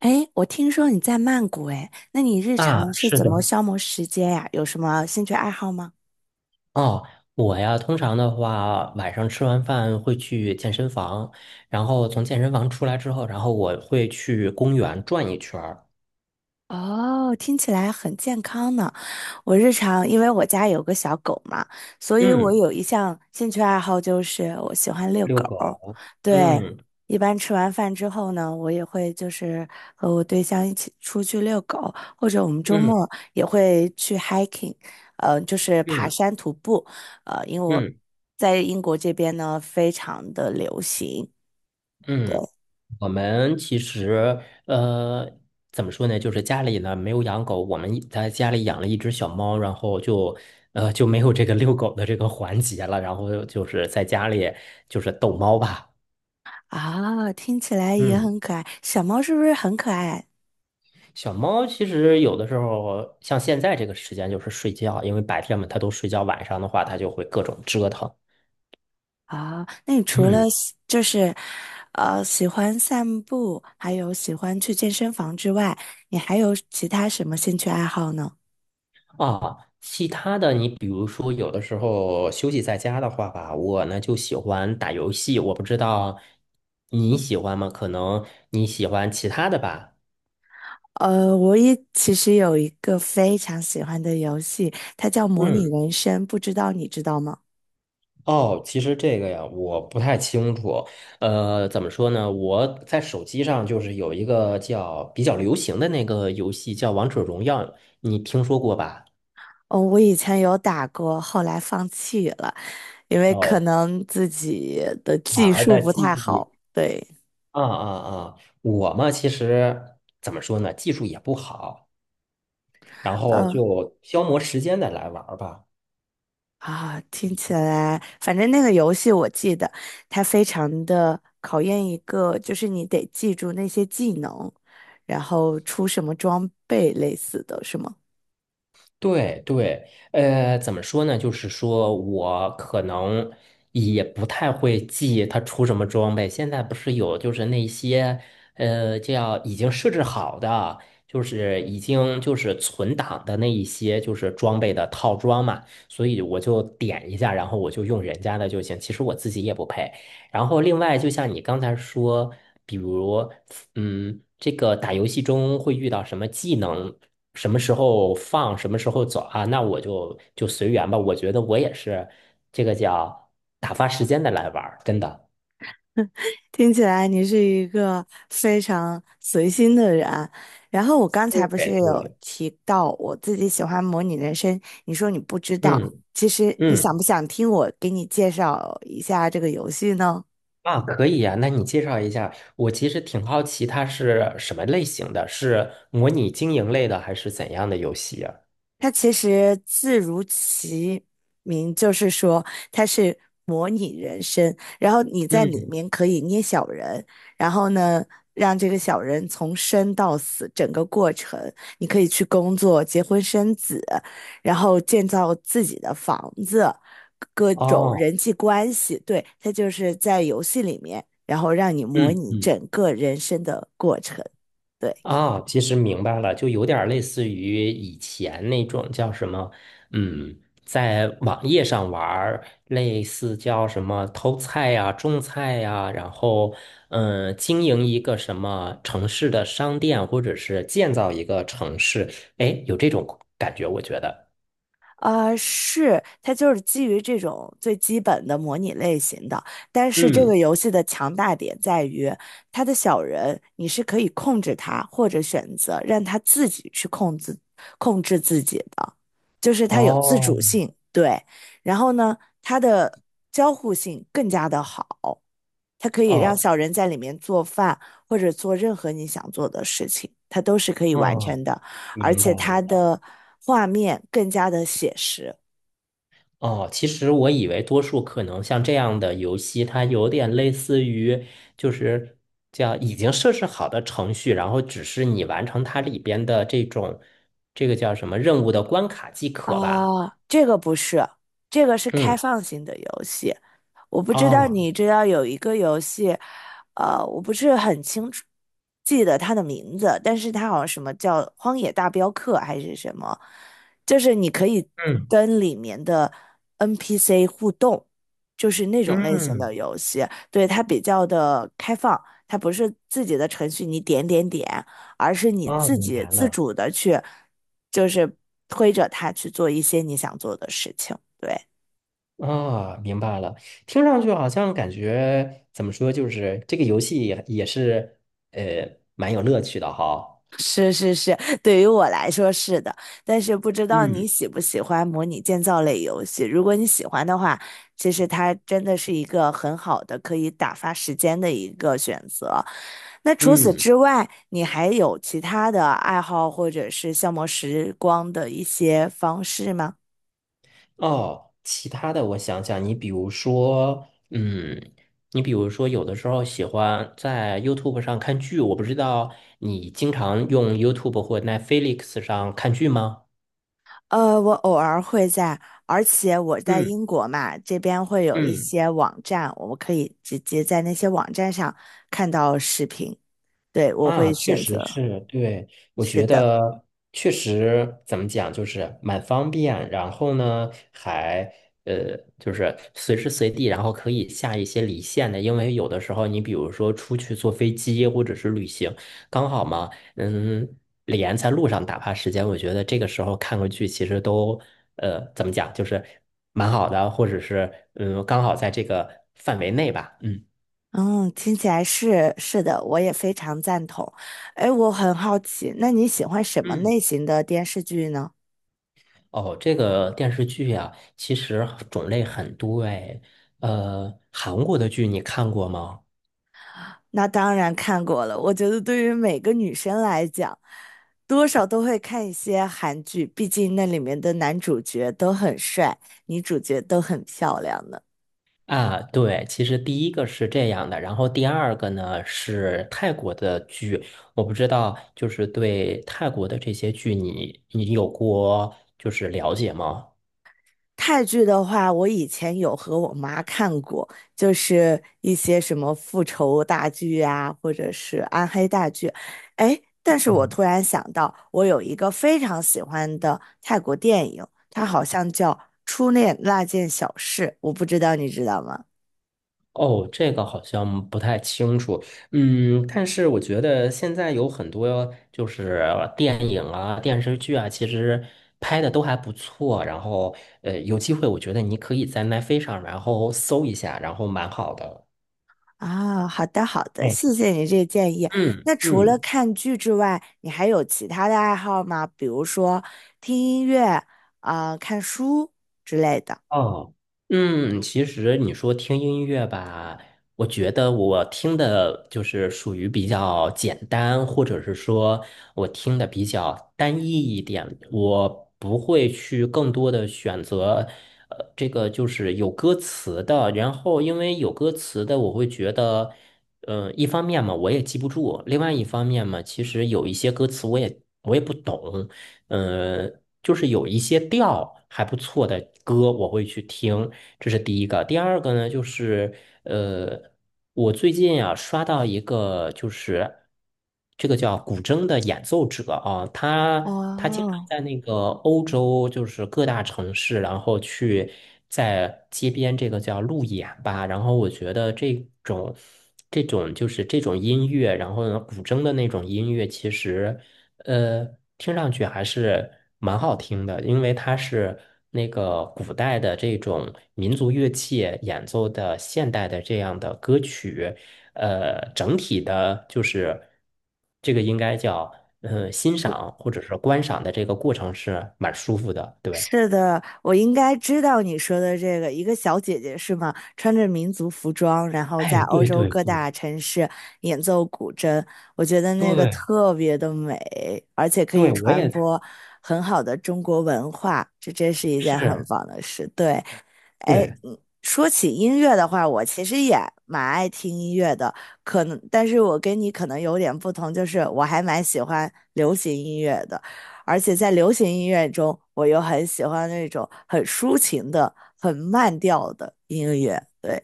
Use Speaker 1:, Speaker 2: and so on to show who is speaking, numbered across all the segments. Speaker 1: 哎，我听说你在曼谷，哎，那你日常
Speaker 2: 啊，
Speaker 1: 是
Speaker 2: 是
Speaker 1: 怎
Speaker 2: 的，
Speaker 1: 么消磨时间呀？有什么兴趣爱好吗？
Speaker 2: 哦，我呀，通常的话，晚上吃完饭会去健身房，然后从健身房出来之后，然后我会去公园转一圈儿。
Speaker 1: 哦，听起来很健康呢。我日常因为我家有个小狗嘛，所以我
Speaker 2: 嗯，
Speaker 1: 有一项兴趣爱好就是我喜欢遛狗。
Speaker 2: 遛狗，
Speaker 1: 对，
Speaker 2: 嗯
Speaker 1: 一般吃完饭之后呢，我也会就是和我对象一起出去遛狗，或者我们周
Speaker 2: 嗯
Speaker 1: 末也会去 hiking，就是爬
Speaker 2: 嗯
Speaker 1: 山徒步。因为我
Speaker 2: 嗯
Speaker 1: 在英国这边呢，非常的流行
Speaker 2: 嗯。我们其实呃，怎么说呢，就是家里呢没有养狗，我们在家里养了一只小猫，然后就没有这个遛狗的这个环节了，然后就是在家里就是逗猫吧。
Speaker 1: 啊，听起来也
Speaker 2: 嗯。
Speaker 1: 很可爱。小猫是不是很可爱啊？
Speaker 2: 小猫其实有的时候，像现在这个时间就是睡觉，因为白天嘛它都睡觉，晚上的话它就会各种折腾。
Speaker 1: 啊，那你除
Speaker 2: 嗯。
Speaker 1: 了喜就是，喜欢散步，还有喜欢去健身房之外，你还有其他什么兴趣爱好呢？
Speaker 2: 啊，其他的你比如说有的时候休息在家的话吧，我呢就喜欢打游戏，我不知道你喜欢吗？可能你喜欢其他的吧。
Speaker 1: 我也其实有一个非常喜欢的游戏，它叫模拟
Speaker 2: 嗯。
Speaker 1: 人生，不知道你知道吗？
Speaker 2: 哦，其实这个呀，我不太清楚。怎么说呢？我在手机上就是有一个叫比较流行的那个游戏，叫《王者荣耀》，你听说过吧？
Speaker 1: 哦，我以前有打过，后来放弃了，因为可
Speaker 2: 哦，
Speaker 1: 能自己的
Speaker 2: 玩
Speaker 1: 技
Speaker 2: 儿
Speaker 1: 术
Speaker 2: 的
Speaker 1: 不
Speaker 2: 技
Speaker 1: 太
Speaker 2: 艺
Speaker 1: 好。对，
Speaker 2: 啊啊啊！我嘛，其实怎么说呢，技术也不好，然后
Speaker 1: 嗯。
Speaker 2: 就消磨时间的来玩儿吧。
Speaker 1: 啊，听起来，反正那个游戏我记得，它非常的考验一个，就是你得记住那些技能，然后出什么装备类似的，是吗？
Speaker 2: 对对。怎么说呢？就是说我可能也不太会记它出什么装备。现在不是有就是那些叫已经设置好的，就是已经就是存档的那一些就是装备的套装嘛，所以我就点一下，然后我就用人家的就行。其实我自己也不配。然后另外，就像你刚才说，比如这个打游戏中会遇到什么技能？什么时候放，什么时候走啊？那我就随缘吧。我觉得我也是这个叫打发时间的来玩儿，真的。
Speaker 1: 听起来你是一个非常随心的人啊，然后我刚
Speaker 2: 对
Speaker 1: 才不是有
Speaker 2: 对，
Speaker 1: 提到我自己喜欢模拟人生，你说你不知道，
Speaker 2: 嗯
Speaker 1: 其实你想
Speaker 2: 嗯，
Speaker 1: 不想听我给你介绍一下这个游戏呢？
Speaker 2: 啊，可以呀，那你介绍一下，我其实挺好奇它是什么类型的，是模拟经营类的还是怎样的游戏啊？
Speaker 1: 它其实字如其名，就是说它是模拟人生，然后你在里
Speaker 2: 嗯，
Speaker 1: 面可以捏小人，然后呢，让这个小人从生到死整个过程，你可以去工作、结婚生子，然后建造自己的房子，各种
Speaker 2: 哦，
Speaker 1: 人际关系，对，它就是在游戏里面，然后让你模
Speaker 2: 嗯
Speaker 1: 拟
Speaker 2: 嗯，
Speaker 1: 整个人生的过程。对。
Speaker 2: 啊，其实明白了，就有点儿类似于以前那种叫什么，嗯，在网页上玩儿类似叫什么偷菜呀、种菜呀，然后嗯，经营一个什么城市的商店，或者是建造一个城市，哎，有这种感觉，我觉得。
Speaker 1: 是，它就是基于这种最基本的模拟类型的，但是这个
Speaker 2: 嗯。
Speaker 1: 游戏的强大点在于，它的小人你是可以控制他，或者选择让他自己去控制自己的，就是它有自
Speaker 2: 哦。
Speaker 1: 主性，对。然后呢，它的交互性更加的好，它可以让
Speaker 2: 哦，
Speaker 1: 小人在里面做饭，或者做任何你想做的事情，它都是可以完
Speaker 2: 嗯，
Speaker 1: 成的。而
Speaker 2: 明白
Speaker 1: 且它
Speaker 2: 了。
Speaker 1: 的画面更加的写实，
Speaker 2: 哦，其实我以为多数可能像这样的游戏，它有点类似于就是叫已经设置好的程序，然后只是你完成它里边的这种这个叫什么任务的关卡即可吧。
Speaker 1: 啊，这个不是，这个是开
Speaker 2: 嗯，
Speaker 1: 放型的游戏。我不知道
Speaker 2: 啊，
Speaker 1: 你知道有一个游戏，我不是很清楚记得它的名字，但是它好像什么叫《荒野大镖客》还是什么，就是你可以
Speaker 2: 嗯
Speaker 1: 跟里面的 NPC 互动，就是那种类型
Speaker 2: 嗯，
Speaker 1: 的游戏。对，它比较的开放，它不是自己的程序，你点点点。而是你
Speaker 2: 啊，
Speaker 1: 自
Speaker 2: 明
Speaker 1: 己
Speaker 2: 白
Speaker 1: 自
Speaker 2: 了。
Speaker 1: 主的去，就是推着他去做一些你想做的事情。对，
Speaker 2: 啊，明白了。听上去好像感觉怎么说，就是这个游戏也是蛮有乐趣的哈。
Speaker 1: 是是是，对于我来说是的，但是不知道你
Speaker 2: 嗯
Speaker 1: 喜不喜欢模拟建造类游戏。如果你喜欢的话，其实它真的是一个很好的可以打发时间的一个选择。那除此
Speaker 2: 嗯。
Speaker 1: 之外，你还有其他的爱好或者是消磨时光的一些方式吗？
Speaker 2: 哦，其他的我想想，你比如说，嗯，你比如说，有的时候喜欢在 YouTube 上看剧，我不知道你经常用 YouTube 或 Netflix 上看剧吗？
Speaker 1: 我偶尔会在，而且我在
Speaker 2: 嗯
Speaker 1: 英国嘛，这边会有一
Speaker 2: 嗯。
Speaker 1: 些网站，我们可以直接在那些网站上看到视频。对，我
Speaker 2: 啊，
Speaker 1: 会
Speaker 2: 确
Speaker 1: 选
Speaker 2: 实
Speaker 1: 择。
Speaker 2: 是，对，我
Speaker 1: 是
Speaker 2: 觉
Speaker 1: 的，
Speaker 2: 得确实怎么讲，就是蛮方便，然后呢，还就是随时随地，然后可以下一些离线的，因为有的时候你比如说出去坐飞机或者是旅行，刚好嘛，嗯，连在路上打发时间，我觉得这个时候看个剧其实都怎么讲，就是蛮好的，或者是嗯，刚好在这个范围内吧。嗯。
Speaker 1: 嗯，听起来是是的，我也非常赞同。哎，我很好奇，那你喜欢什么
Speaker 2: 嗯，
Speaker 1: 类型的电视剧呢？
Speaker 2: 哦，这个电视剧呀，其实种类很多哎。韩国的剧你看过吗？
Speaker 1: 那当然看过了，我觉得对于每个女生来讲，多少都会看一些韩剧，毕竟那里面的男主角都很帅，女主角都很漂亮的。
Speaker 2: 啊，对，其实第一个是这样的，然后第二个呢是泰国的剧，我不知道，就是对泰国的这些剧你，你有过就是了解吗？
Speaker 1: 泰剧的话，我以前有和我妈看过，就是一些什么复仇大剧啊，或者是暗黑大剧。哎，但是我突然想到，我有一个非常喜欢的泰国电影，它好像叫《初恋那件小事》，我不知道你知道吗？
Speaker 2: 哦，这个好像不太清楚，嗯，但是我觉得现在有很多就是电影啊、电视剧啊，其实拍的都还不错。然后，有机会我觉得你可以在奈飞上，然后搜一下，然后蛮好的。
Speaker 1: 啊，好的好的，
Speaker 2: 哎，
Speaker 1: 谢谢你这建议。
Speaker 2: 嗯
Speaker 1: 那除了
Speaker 2: 嗯。
Speaker 1: 看剧之外，你还有其他的爱好吗？比如说听音乐啊，看书之类的。
Speaker 2: 哦，嗯，其实你说听音乐吧，我觉得我听的就是属于比较简单，或者是说我听的比较单一一点，我不会去更多的选择，这个就是有歌词的。然后因为有歌词的，我会觉得，嗯，一方面嘛，我也记不住；另外一方面嘛，其实有一些歌词我也不懂。呃，就是有一些调还不错的歌，我会去听，这是第一个。第二个呢，就是呃，我最近啊刷到一个，就是这个叫古筝的演奏者啊，他经常
Speaker 1: 哦。
Speaker 2: 在那个欧洲，就是各大城市，然后去在街边这个叫路演吧。然后我觉得种这种音乐，然后呢古筝的那种音乐，其实。呃，听上去还是蛮好听的，因为它是那个古代的这种民族乐器演奏的现代的这样的歌曲。整体的就是这个应该叫欣赏或者是观赏的这个过程是蛮舒服的，对。
Speaker 1: 是的，我应该知道你说的这个，一个小姐姐是吗？穿着民族服装，然后在
Speaker 2: 哎，
Speaker 1: 欧
Speaker 2: 对
Speaker 1: 洲
Speaker 2: 对
Speaker 1: 各
Speaker 2: 对
Speaker 1: 大城市演奏古筝，我觉得那个
Speaker 2: 对
Speaker 1: 特别的美，而且可以
Speaker 2: 对，我
Speaker 1: 传
Speaker 2: 也
Speaker 1: 播很好的中国文化，这真是一件很
Speaker 2: 是，
Speaker 1: 棒的事。对，哎，
Speaker 2: 对。
Speaker 1: 嗯，说起音乐的话，我其实也蛮爱听音乐的，可能，但是我跟你可能有点不同，就是我还蛮喜欢流行音乐的。而且在流行音乐中，我又很喜欢那种很抒情的、很慢调的音乐。对，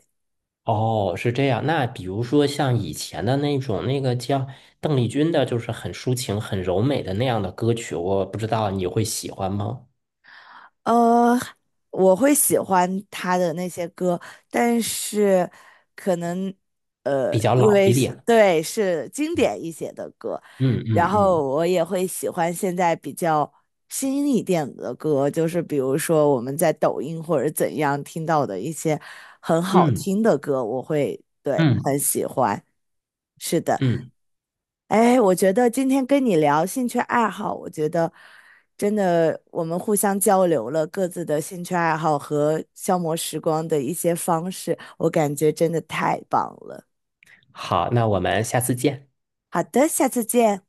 Speaker 2: 哦，是这样。那比如说像以前的那种，那个叫邓丽君的，就是很抒情、很柔美的那样的歌曲，我不知道你会喜欢吗？
Speaker 1: 呃，我会喜欢他的那些歌，但是可能
Speaker 2: 比较
Speaker 1: 因
Speaker 2: 老
Speaker 1: 为
Speaker 2: 一
Speaker 1: 是
Speaker 2: 点。
Speaker 1: 对是经典一些的歌，
Speaker 2: 嗯
Speaker 1: 然
Speaker 2: 嗯
Speaker 1: 后
Speaker 2: 嗯
Speaker 1: 我也会喜欢现在比较新一点的歌，就是比如说我们在抖音或者怎样听到的一些很好
Speaker 2: 嗯
Speaker 1: 听的歌，我会对很
Speaker 2: 嗯
Speaker 1: 喜欢。是的。
Speaker 2: 嗯。
Speaker 1: 哎，我觉得今天跟你聊兴趣爱好，我觉得真的我们互相交流了各自的兴趣爱好和消磨时光的一些方式，我感觉真的太棒了。
Speaker 2: 好，那我们下次见。
Speaker 1: 好的，下次见。